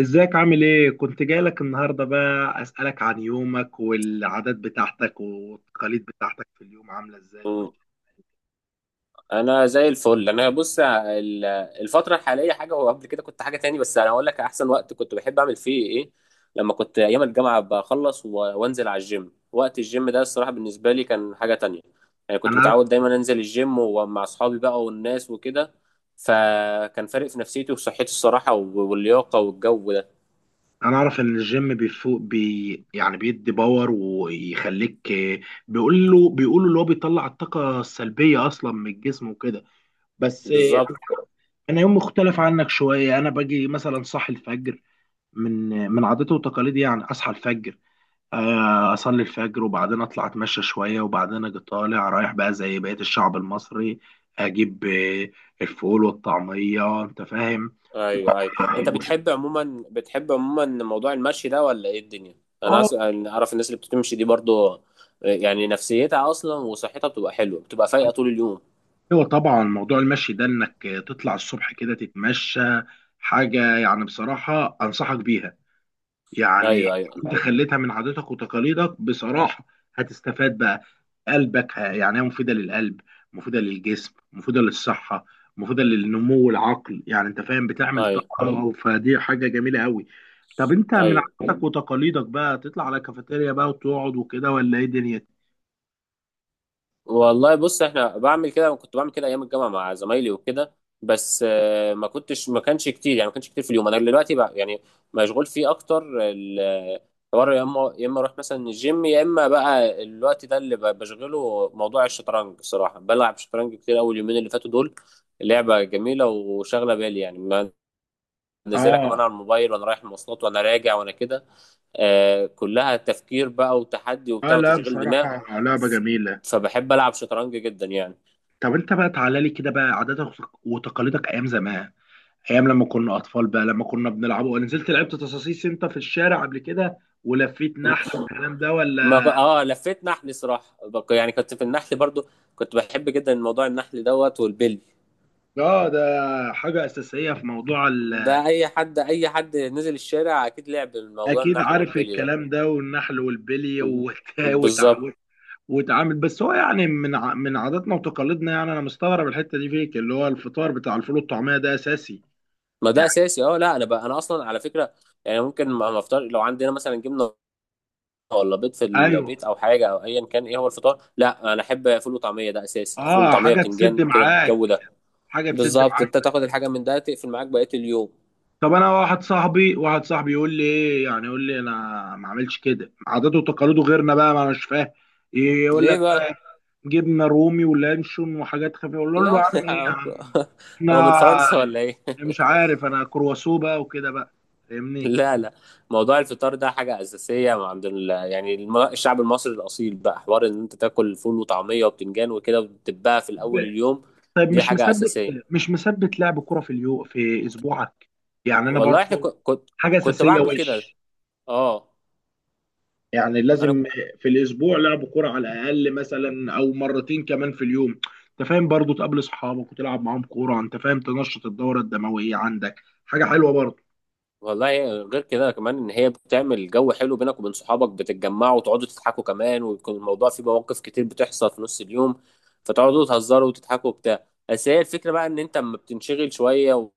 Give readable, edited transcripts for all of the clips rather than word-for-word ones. ازيك عامل ايه؟ كنت جايلك النهارده بقى اسألك عن يومك والعادات بتاعتك والتقاليد بتاعتك في اليوم عاملة ازاي مم. وماشي. انا زي الفل. الفتره الحاليه حاجه، وقبل كده كنت حاجه تاني، بس انا هقول لك احسن وقت كنت بحب اعمل فيه ايه. لما كنت ايام الجامعه بخلص و- وانزل على الجيم، وقت الجيم ده الصراحه بالنسبه لي كان حاجه تانية. يعني كنت انا عارف. متعود دايما انزل الجيم، ومع اصحابي بقى والناس وكده، فكان فارق في نفسيتي وصحتي الصراحه و- واللياقه والجو ده. انا اعرف ان الجيم بيفوق بي، يعني بيدي باور ويخليك، بيقولوا اللي هو بيطلع الطاقة السلبية اصلا من الجسم وكده. بس بالظبط. انا انا يوم مختلف عنك شوية. انا باجي مثلا صاحي الفجر من من عاداتي وتقاليدي، يعني اصحى الفجر، اصلي الفجر وبعدين اطلع اتمشى شويه وبعدين اجي طالع رايح بقى زي بقيه الشعب المصري. اجيب الفول والطعميه. انت فاهم. ايوه، ايوه، آه انت وش- بتحب عموما موضوع المشي ده ولا ايه الدنيا؟ انا آه، أص... أنا اعرف الناس اللي بتمشي دي برضو، يعني نفسيتها اصلا وصحتها بتبقى حلوه، بتبقى فايقه طول اليوم. ايوه طبعا، موضوع المشي ده، انك تطلع الصبح كده تتمشى، حاجه يعني بصراحه انصحك بيها، يعني ايوه، ايوه، انت خليتها من عاداتك وتقاليدك بصراحة، هتستفاد بقى، قلبك، يعني هي مفيدة للقلب، مفيدة للجسم، مفيدة للصحة، مفيدة للنمو العقل، يعني انت فاهم، بتعمل ايوه، طاقة، فدي حاجة جميلة قوي. طب انت من ايوه. عاداتك وتقاليدك بقى تطلع على كافيتيريا بقى وتقعد وكده ولا ايه دنيا؟ والله بص، احنا بعمل كده، كنت بعمل كده ايام الجامعه مع زمايلي وكده، بس ما كانش كتير، يعني ما كانش كتير في اليوم. انا دلوقتي بقى يعني مشغول فيه اكتر. ال- الحوار يا اما يا اما اروح مثلا الجيم، يا اما بقى الوقت ده اللي بشغله موضوع الشطرنج. صراحه بلعب شطرنج كتير اول يومين اللي فاتوا دول. لعبه جميله وشاغله بالي يعني. منزلها اه. كمان على الموبايل، وانا رايح المواصلات وانا راجع وانا كده. كلها تفكير بقى وتحدي اه وبتاع لا وتشغيل دماغ. بصراحة لعبة ف- جميلة. فبحب العب شطرنج جدا يعني. طب انت بقى تعالى لي كده بقى عاداتك وتقاليدك ايام زمان، ايام لما كنا اطفال بقى، لما كنا بنلعب، ولا نزلت لعبت تصاصيص انت في الشارع قبل كده ولفيت نحل والكلام ده ما ك- ولا؟ اه، لفيت نحل صراحه، يعني كنت في النحل برضو. كنت بحب جدا موضوع النحل دوت والبلي. اه ده حاجه اساسيه في موضوع ده اي حد نزل الشارع اكيد لعب موضوع اكيد النحل عارف والبلي ده. الكلام ده، والنحل والبلي وت... بالظبط. وتعامل، بس هو يعني من عاداتنا وتقاليدنا، يعني انا مستغرب الحته دي فيك، اللي هو الفطار بتاع الفول والطعميه ده اساسي، ما ده يعني. اساسي. اه، لا، انا اصلا على فكره يعني، ممكن ما افطر لو عندنا مثلا جبنه ولا بيض في ايوه. البيت او حاجه او ايا كان. ايه هو الفطار؟ لا، انا احب فول وطعميه ده اساسي، فول اه وطعميه حاجه تسد وبتنجان كده الجو معاك، ده. حاجه تسد بالظبط. معاك. انت تاخد الحاجه من ده تقفل معاك بقيه اليوم. طب انا واحد صاحبي يقول لي ايه، يعني يقول لي انا ما اعملش كده، عاداته وتقاليده غيرنا بقى، ما انا مش فاهم. يقول لك ليه بقى بقى؟ جبنه رومي ولانشون وحاجات خفيفه، اقول له لا. يا عم ايه يا عم، هو من انا فرنسا ولا ايه؟ مش عارف، انا كرواسو بقى وكده بقى، فاهمني. لا، لا، موضوع الفطار ده حاجه اساسيه عند يعني الشعب المصري الاصيل بقى، حوار ان انت تاكل فول وطعميه وبتنجان وكده وتبقى في الاول طب اليوم. طب دي مش حاجه مثبت، اساسيه. مش مثبت لعب كرة في اليوم في اسبوعك؟ يعني انا والله احنا برضو كنت كنت حاجه كنت اساسيه، بعمل كده. اه. يعني انا. لازم في الاسبوع لعب كوره على الاقل مثلا، او مرتين كمان في اليوم، انت فاهم، برضو تقابل اصحابك وتلعب معاهم كوره، انت فاهم، تنشط الدوره الدمويه عندك، حاجه حلوه برضو. والله غير كده كمان، ان هي بتعمل جو حلو بينك وبين صحابك، بتتجمعوا وتقعدوا تضحكوا كمان، ويكون الموضوع فيه مواقف كتير بتحصل في نص اليوم، فتقعدوا تهزروا وتضحكوا وبتاع. بس هي الفكره بقى، ان انت اما بتنشغل شويه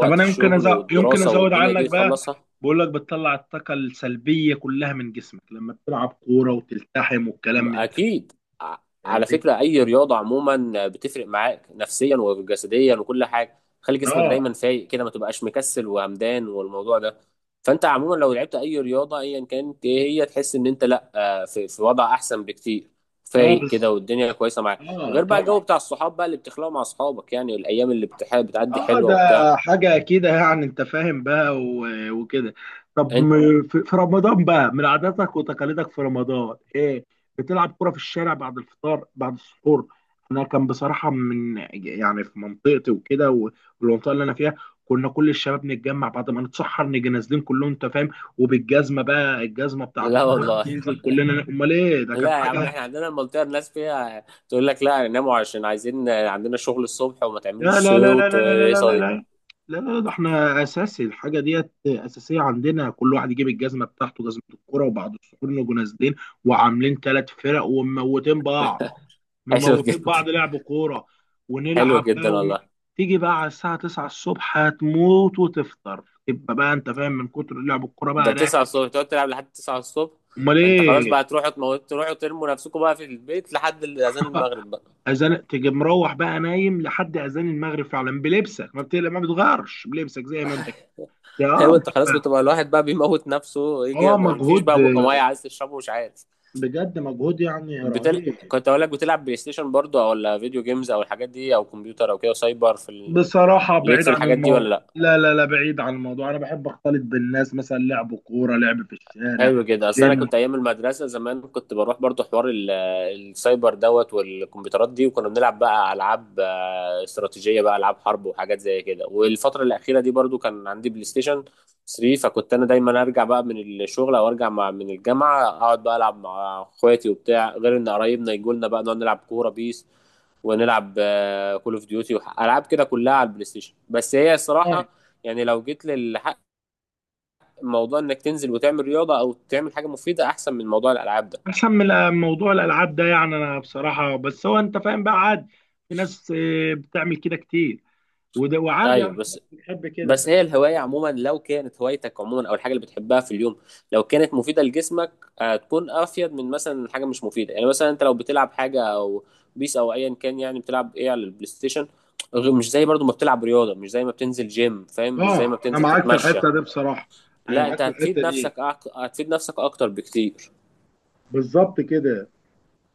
طب انا الشغل يمكن والدراسه ازود والدنيا عنك دي بقى، تخلصها. بقول لك بتطلع الطاقه السلبيه كلها من جسمك لما بتلعب كوره وتلتحم والكلام من ده، اكيد. ع- على فاهمني. فكره، اي رياضه عموما بتفرق معاك نفسيا وجسديا وكل حاجه. خلي جسمك اه. دايما فايق كده، ما تبقاش مكسل وهمدان والموضوع ده. فانت عموما لو لعبت اي رياضه ايا كانت ايه، هي تحس ان انت، لا، في وضع احسن بكتير، اه فايق كده بس. والدنيا كويسه معاك. اه غير بقى الجو طبعا. بتاع الصحاب بقى اللي بتخلقه مع اصحابك، يعني الايام اللي بتعدي اه حلوه ده وبتاع. حاجة كده، يعني انت فاهم بقى وكده. طب انت. في رمضان بقى، من عاداتك وتقاليدك في رمضان ايه؟ بتلعب كرة في الشارع بعد الفطار بعد السحور؟ انا كان بصراحة من، يعني في منطقتي وكده والمنطقة اللي انا فيها، كنا كل الشباب نتجمع بعد ما نتسحر نيجي نازلين كلهم، انت فاهم، وبالجزمة بقى الجزمة بتاعت لا الكورة والله، ننزل كلنا، امال ايه، ده لا كانت يا عم، حاجة. احنا عندنا المنطقة الناس فيها تقول لك لا، ناموا عشان عايزين عندنا شغل الصبح، وما لا تعملوش لا لا لا صوت، لا لا لا لا والقصة لا دي. لا، لا لا، ده احنا اساسي، الحاجه ديت اساسيه عندنا، كل واحد يجيب الجزمه بتاعته، جزمه الكوره، وبعض السحور نجوا نازلين وعاملين 3 فرق ومموتين بعض، حلوة مموتين جدا. بعض لعب كوره، حلوة ونلعب بقى جدا والله. تيجي بقى على الساعه 9 الصبح هتموت وتفطر تبقى بقى، انت فاهم، من كتر لعب الكوره ده بقى 9 راكب. الصبح تقعد تلعب لحد 9 الصبح؟ امال انت خلاص ايه. بقى تروحوا تموتوا، تروحوا ترموا نفسكم بقى في البيت لحد اذان المغرب بقى. اذان، تيجي مروح بقى نايم لحد اذان المغرب، فعلا بلبسك، ما بتقلق ما بتغيرش بلبسك زي ما انت، يا ايوه، انت خلاص بتبقى. بتبقى الواحد بقى بيموت نفسه، يجي اه مفيش مجهود، بقى ميه عايز تشربه، مش عارف. بجد مجهود يعني بتل... رهيب. كنت اقول لك، بتلعب بلاي ستيشن برضه، ولا فيديو جيمز او الحاجات دي، او كمبيوتر او كده سايبر؟ بصراحة ليك بعيد في عن الحاجات دي الموضوع، ولا؟ لا لا لا، بعيد عن الموضوع، انا بحب اختلط بالناس، مثلا لعب كورة، لعب في الشارع. حلو كده. اصل انا جيم. كنت ايام المدرسه زمان كنت بروح برضو، حوار السايبر دوت والكمبيوترات دي، وكنا بنلعب بقى العاب استراتيجيه بقى، العاب حرب وحاجات زي كده. والفتره الاخيره دي برضو كان عندي بلاي ستيشن 3، فكنت انا دايما ارجع بقى من الشغل او ارجع مع من الجامعه، اقعد بقى العب مع اخواتي وبتاع، غير ان قرايبنا يجوا لنا بقى نقعد نلعب كوره بيس، ونلعب كول اوف ديوتي، العاب كده كلها على البلاي ستيشن. بس هي اه الصراحه يعني، لو جيت لل موضوع انك تنزل وتعمل رياضه او تعمل حاجه مفيده، احسن من موضوع الالعاب ده. احسن من موضوع الالعاب ده، يعني انا بصراحة، بس هو انت فاهم بقى، عادي. في ناس بتعمل كده كتير، وده وعادي، ايوه. يعني في ناس بس بتحب كده. بس هي الهوايه عموما، لو كانت هوايتك عموما او الحاجه اللي بتحبها في اليوم، لو كانت مفيده لجسمك هتكون افيد من مثلا حاجه مش مفيده. يعني مثلا انت لو بتلعب حاجه او بيس او ايا كان، يعني بتلعب ايه على البلاي ستيشن؟ مش زي برضو ما بتلعب رياضه، مش زي ما بتنزل جيم فاهم، مش زي اه ما انا بتنزل معاك في تتمشى. الحتة دي بصراحة، انا لا، معاك انت في هتفيد الحتة نفسك دي، هتفيد نفسك اكتر بكتير. بالظبط كده.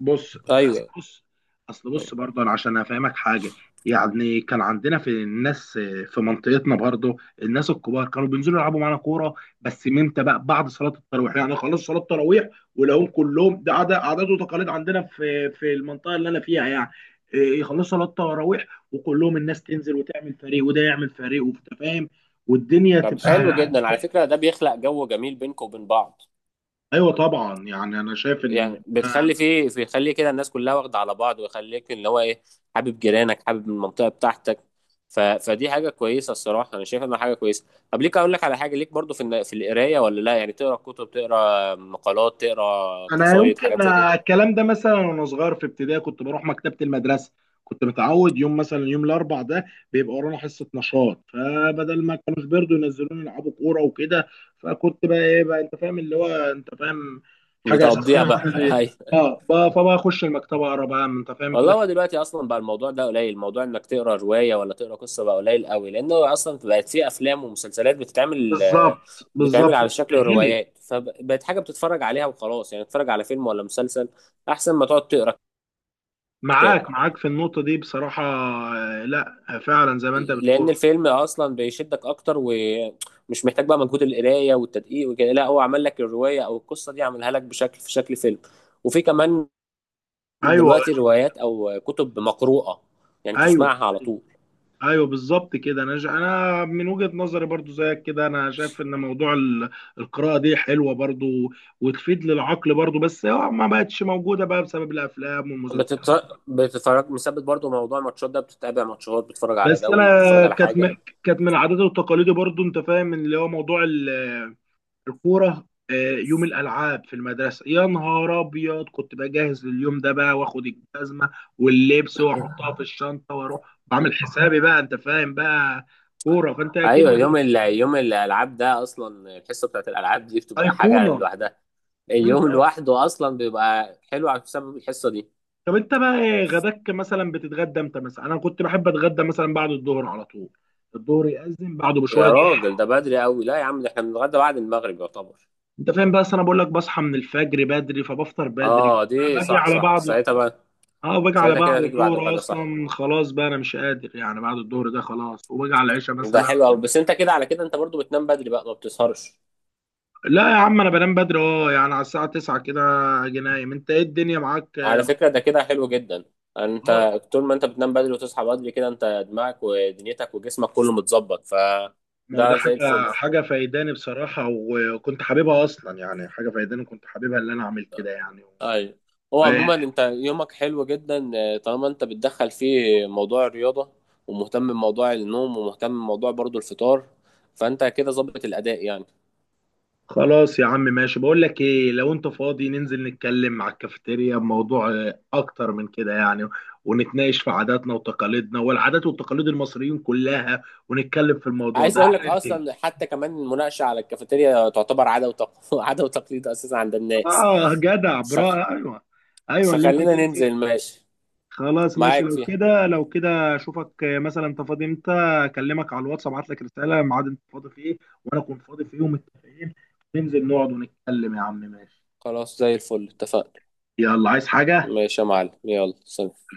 بص اصل ايوه. بص بص برضه انا عشان افهمك حاجه، يعني كان عندنا في الناس، في منطقتنا برضه، الناس الكبار كانوا بينزلوا يلعبوا معانا كوره، بس من امتى بقى؟ بعد صلاه التراويح، يعني خلاص صلاه التراويح ولاقوهم كلهم، ده عادة، عادات وتقاليد عندنا في المنطقه اللي انا فيها، يعني يخلصوا صلاه التراويح وكلهم الناس تنزل وتعمل فريق وده يعمل فريق وانت فاهم والدنيا طب تبقى. حلو جدا على فكره، ده بيخلق جو جميل بينكم وبين بعض. ايوه طبعا، يعني انا شايف يعني ان. بتخلي فيه بيخلي كده الناس كلها واخده على بعض، ويخليك اللي هو ايه، حابب جيرانك، حابب المنطقه بتاعتك. ف... فدي حاجه كويسه. الصراحه انا شايف انها حاجه كويسه. طب ليك اقول لك على حاجه، ليك برضو في القرايه ولا لا؟ يعني تقرا كتب، تقرا مقالات، تقرا انا قصايد، يمكن حاجات زي كده. الكلام ده مثلا، وانا صغير في ابتدائي كنت بروح مكتبه المدرسه، كنت متعود يوم، مثلا يوم الاربع ده، بيبقى ورانا حصه نشاط، فبدل ما كانوش بيرضوا ينزلوني يلعبوا كوره وكده، فكنت بقى ايه بقى، انت فاهم، اللي هو انت فاهم، حاجه اساسيه بتقضيها بقى. عندي. اه، فبقى اخش المكتبه اقرا بقى، انت فاهم والله كده. هو دلوقتي اصلا بقى الموضوع ده قليل، موضوع انك تقرا روايه ولا تقرا قصه بقى قليل قوي، لانه اصلا بقت في افلام ومسلسلات بالظبط، بتتعمل بالظبط. على شكل سهلت. الروايات، فبقت حاجه بتتفرج عليها وخلاص. يعني تتفرج على فيلم ولا مسلسل، احسن ما تقعد تقرا كتاب. معاك في النقطه دي بصراحه. لا فعلا زي ما انت لان بتقول. الفيلم اصلا بيشدك اكتر، ومش محتاج بقى مجهود القرايه والتدقيق وكده، لا هو عمل لك الروايه او القصه دي، عملها لك في شكل فيلم. وفي كمان ايوه. دلوقتي روايات او كتب مقروءه، يعني ايوه. تسمعها على طول. ايوه بالظبط كده، انا انا من وجهة نظري برضو زيك كده، انا شايف ان موضوع القراءة دي حلوة برضو، وتفيد للعقل برضو، بس هو ما بقتش موجودة بقى بسبب الافلام والمسلسلات. بتتفرج مثبت برضو موضوع الماتشات ده؟ بتتابع ماتشات، بتتفرج على بس انا دوري، بتتفرج على كانت حاجة. كانت من عاداتي وتقاليدي برضو، انت فاهم، اللي هو موضوع الكورة، يوم الالعاب في المدرسة، يا نهار ابيض، كنت بجهز لليوم ده بقى، واخد الجزمة واللبس واحطها في الشنطة واروح، م. بعمل حسابي بقى انت فاهم، بقى كورة، فانت اكيد ايوه. يوم الالعاب ده اصلا، الحصة بتاعت الالعاب دي بتبقى حاجة ايقونة. لوحدها. مم، اليوم طبعا. لوحده اصلا بيبقى حلو على بسبب الحصة دي. طب انت بقى ايه غداك، مثلا بتتغدى امتى مثلا؟ انا كنت بحب اتغدى مثلا بعد الظهر على طول، الظهر يأذن بعده بشويه يا جه. راجل ده بدري قوي، لا يا عم، ده احنا بنتغدى بعد المغرب يعتبر. انت فاهم، بس انا بقول لك بصحى من الفجر بدري، فبفطر بدري، اه، دي باجي صح، على صح، بعضه. ساعتها بقى. اه باجي على ساعتها كده بعض هتيجي بعد الظهر الغدا، صح؟ اصلا، خلاص بقى انا مش قادر، يعني بعد الظهر ده خلاص، وباجي على العشاء ده مثلا. حلو قوي، بس انت كده على كده انت برضو بتنام بدري بقى، ما بتسهرش. لا يا عم، انا بنام بدري، اه يعني على الساعه 9 كده اجي نايم. انت ايه الدنيا معاك؟ على فكرة ده كده حلو جدا. انت اه طول ما انت بتنام بدري وتصحى بدري كده، انت دماغك ودنيتك وجسمك كله متظبط، ما هو ده فده زي الفل. حاجة حاجة فايداني بصراحة، وكنت حاببها أصلا، يعني حاجة فايداني كنت حاببها إن أنا أعمل كده، يعني. ايوه. هو عموما انت يومك حلو جدا، طالما انت بتدخل فيه موضوع الرياضة، ومهتم بموضوع النوم، ومهتم بموضوع برضو الفطار، فانت كده ظبط الاداء يعني. خلاص يا عم ماشي، بقول لك إيه، لو أنت فاضي ننزل نتكلم على الكافيتيريا بموضوع، أكتر من كده يعني، ونتناقش في عاداتنا وتقاليدنا والعادات والتقاليد المصريين كلها، ونتكلم في الموضوع عايز ده، اقول إيه لك رأيك إيه؟ اصلا حتى كمان المناقشة على الكافيتيريا تعتبر عادة عادة وتقليد اساسا عند الناس. آه جدع، فخ... برا أيوه. أيوه اللي أنت فخلينا تنزل. ننزل ماشي. خلاص ماشي، معاك لو فيها. كده، اشوفك مثلا انت فاضي امتى، اكلمك على الواتس، ابعت لك رساله ميعاد انت فاضي فيه، وانا اكون فاضي فيه، ومتفقين ننزل نقعد ونتكلم. يا عم ماشي. خلاص، زي الفل، اتفقنا. يلا، عايز حاجه؟ ماشي يا معلم، يلا سلام.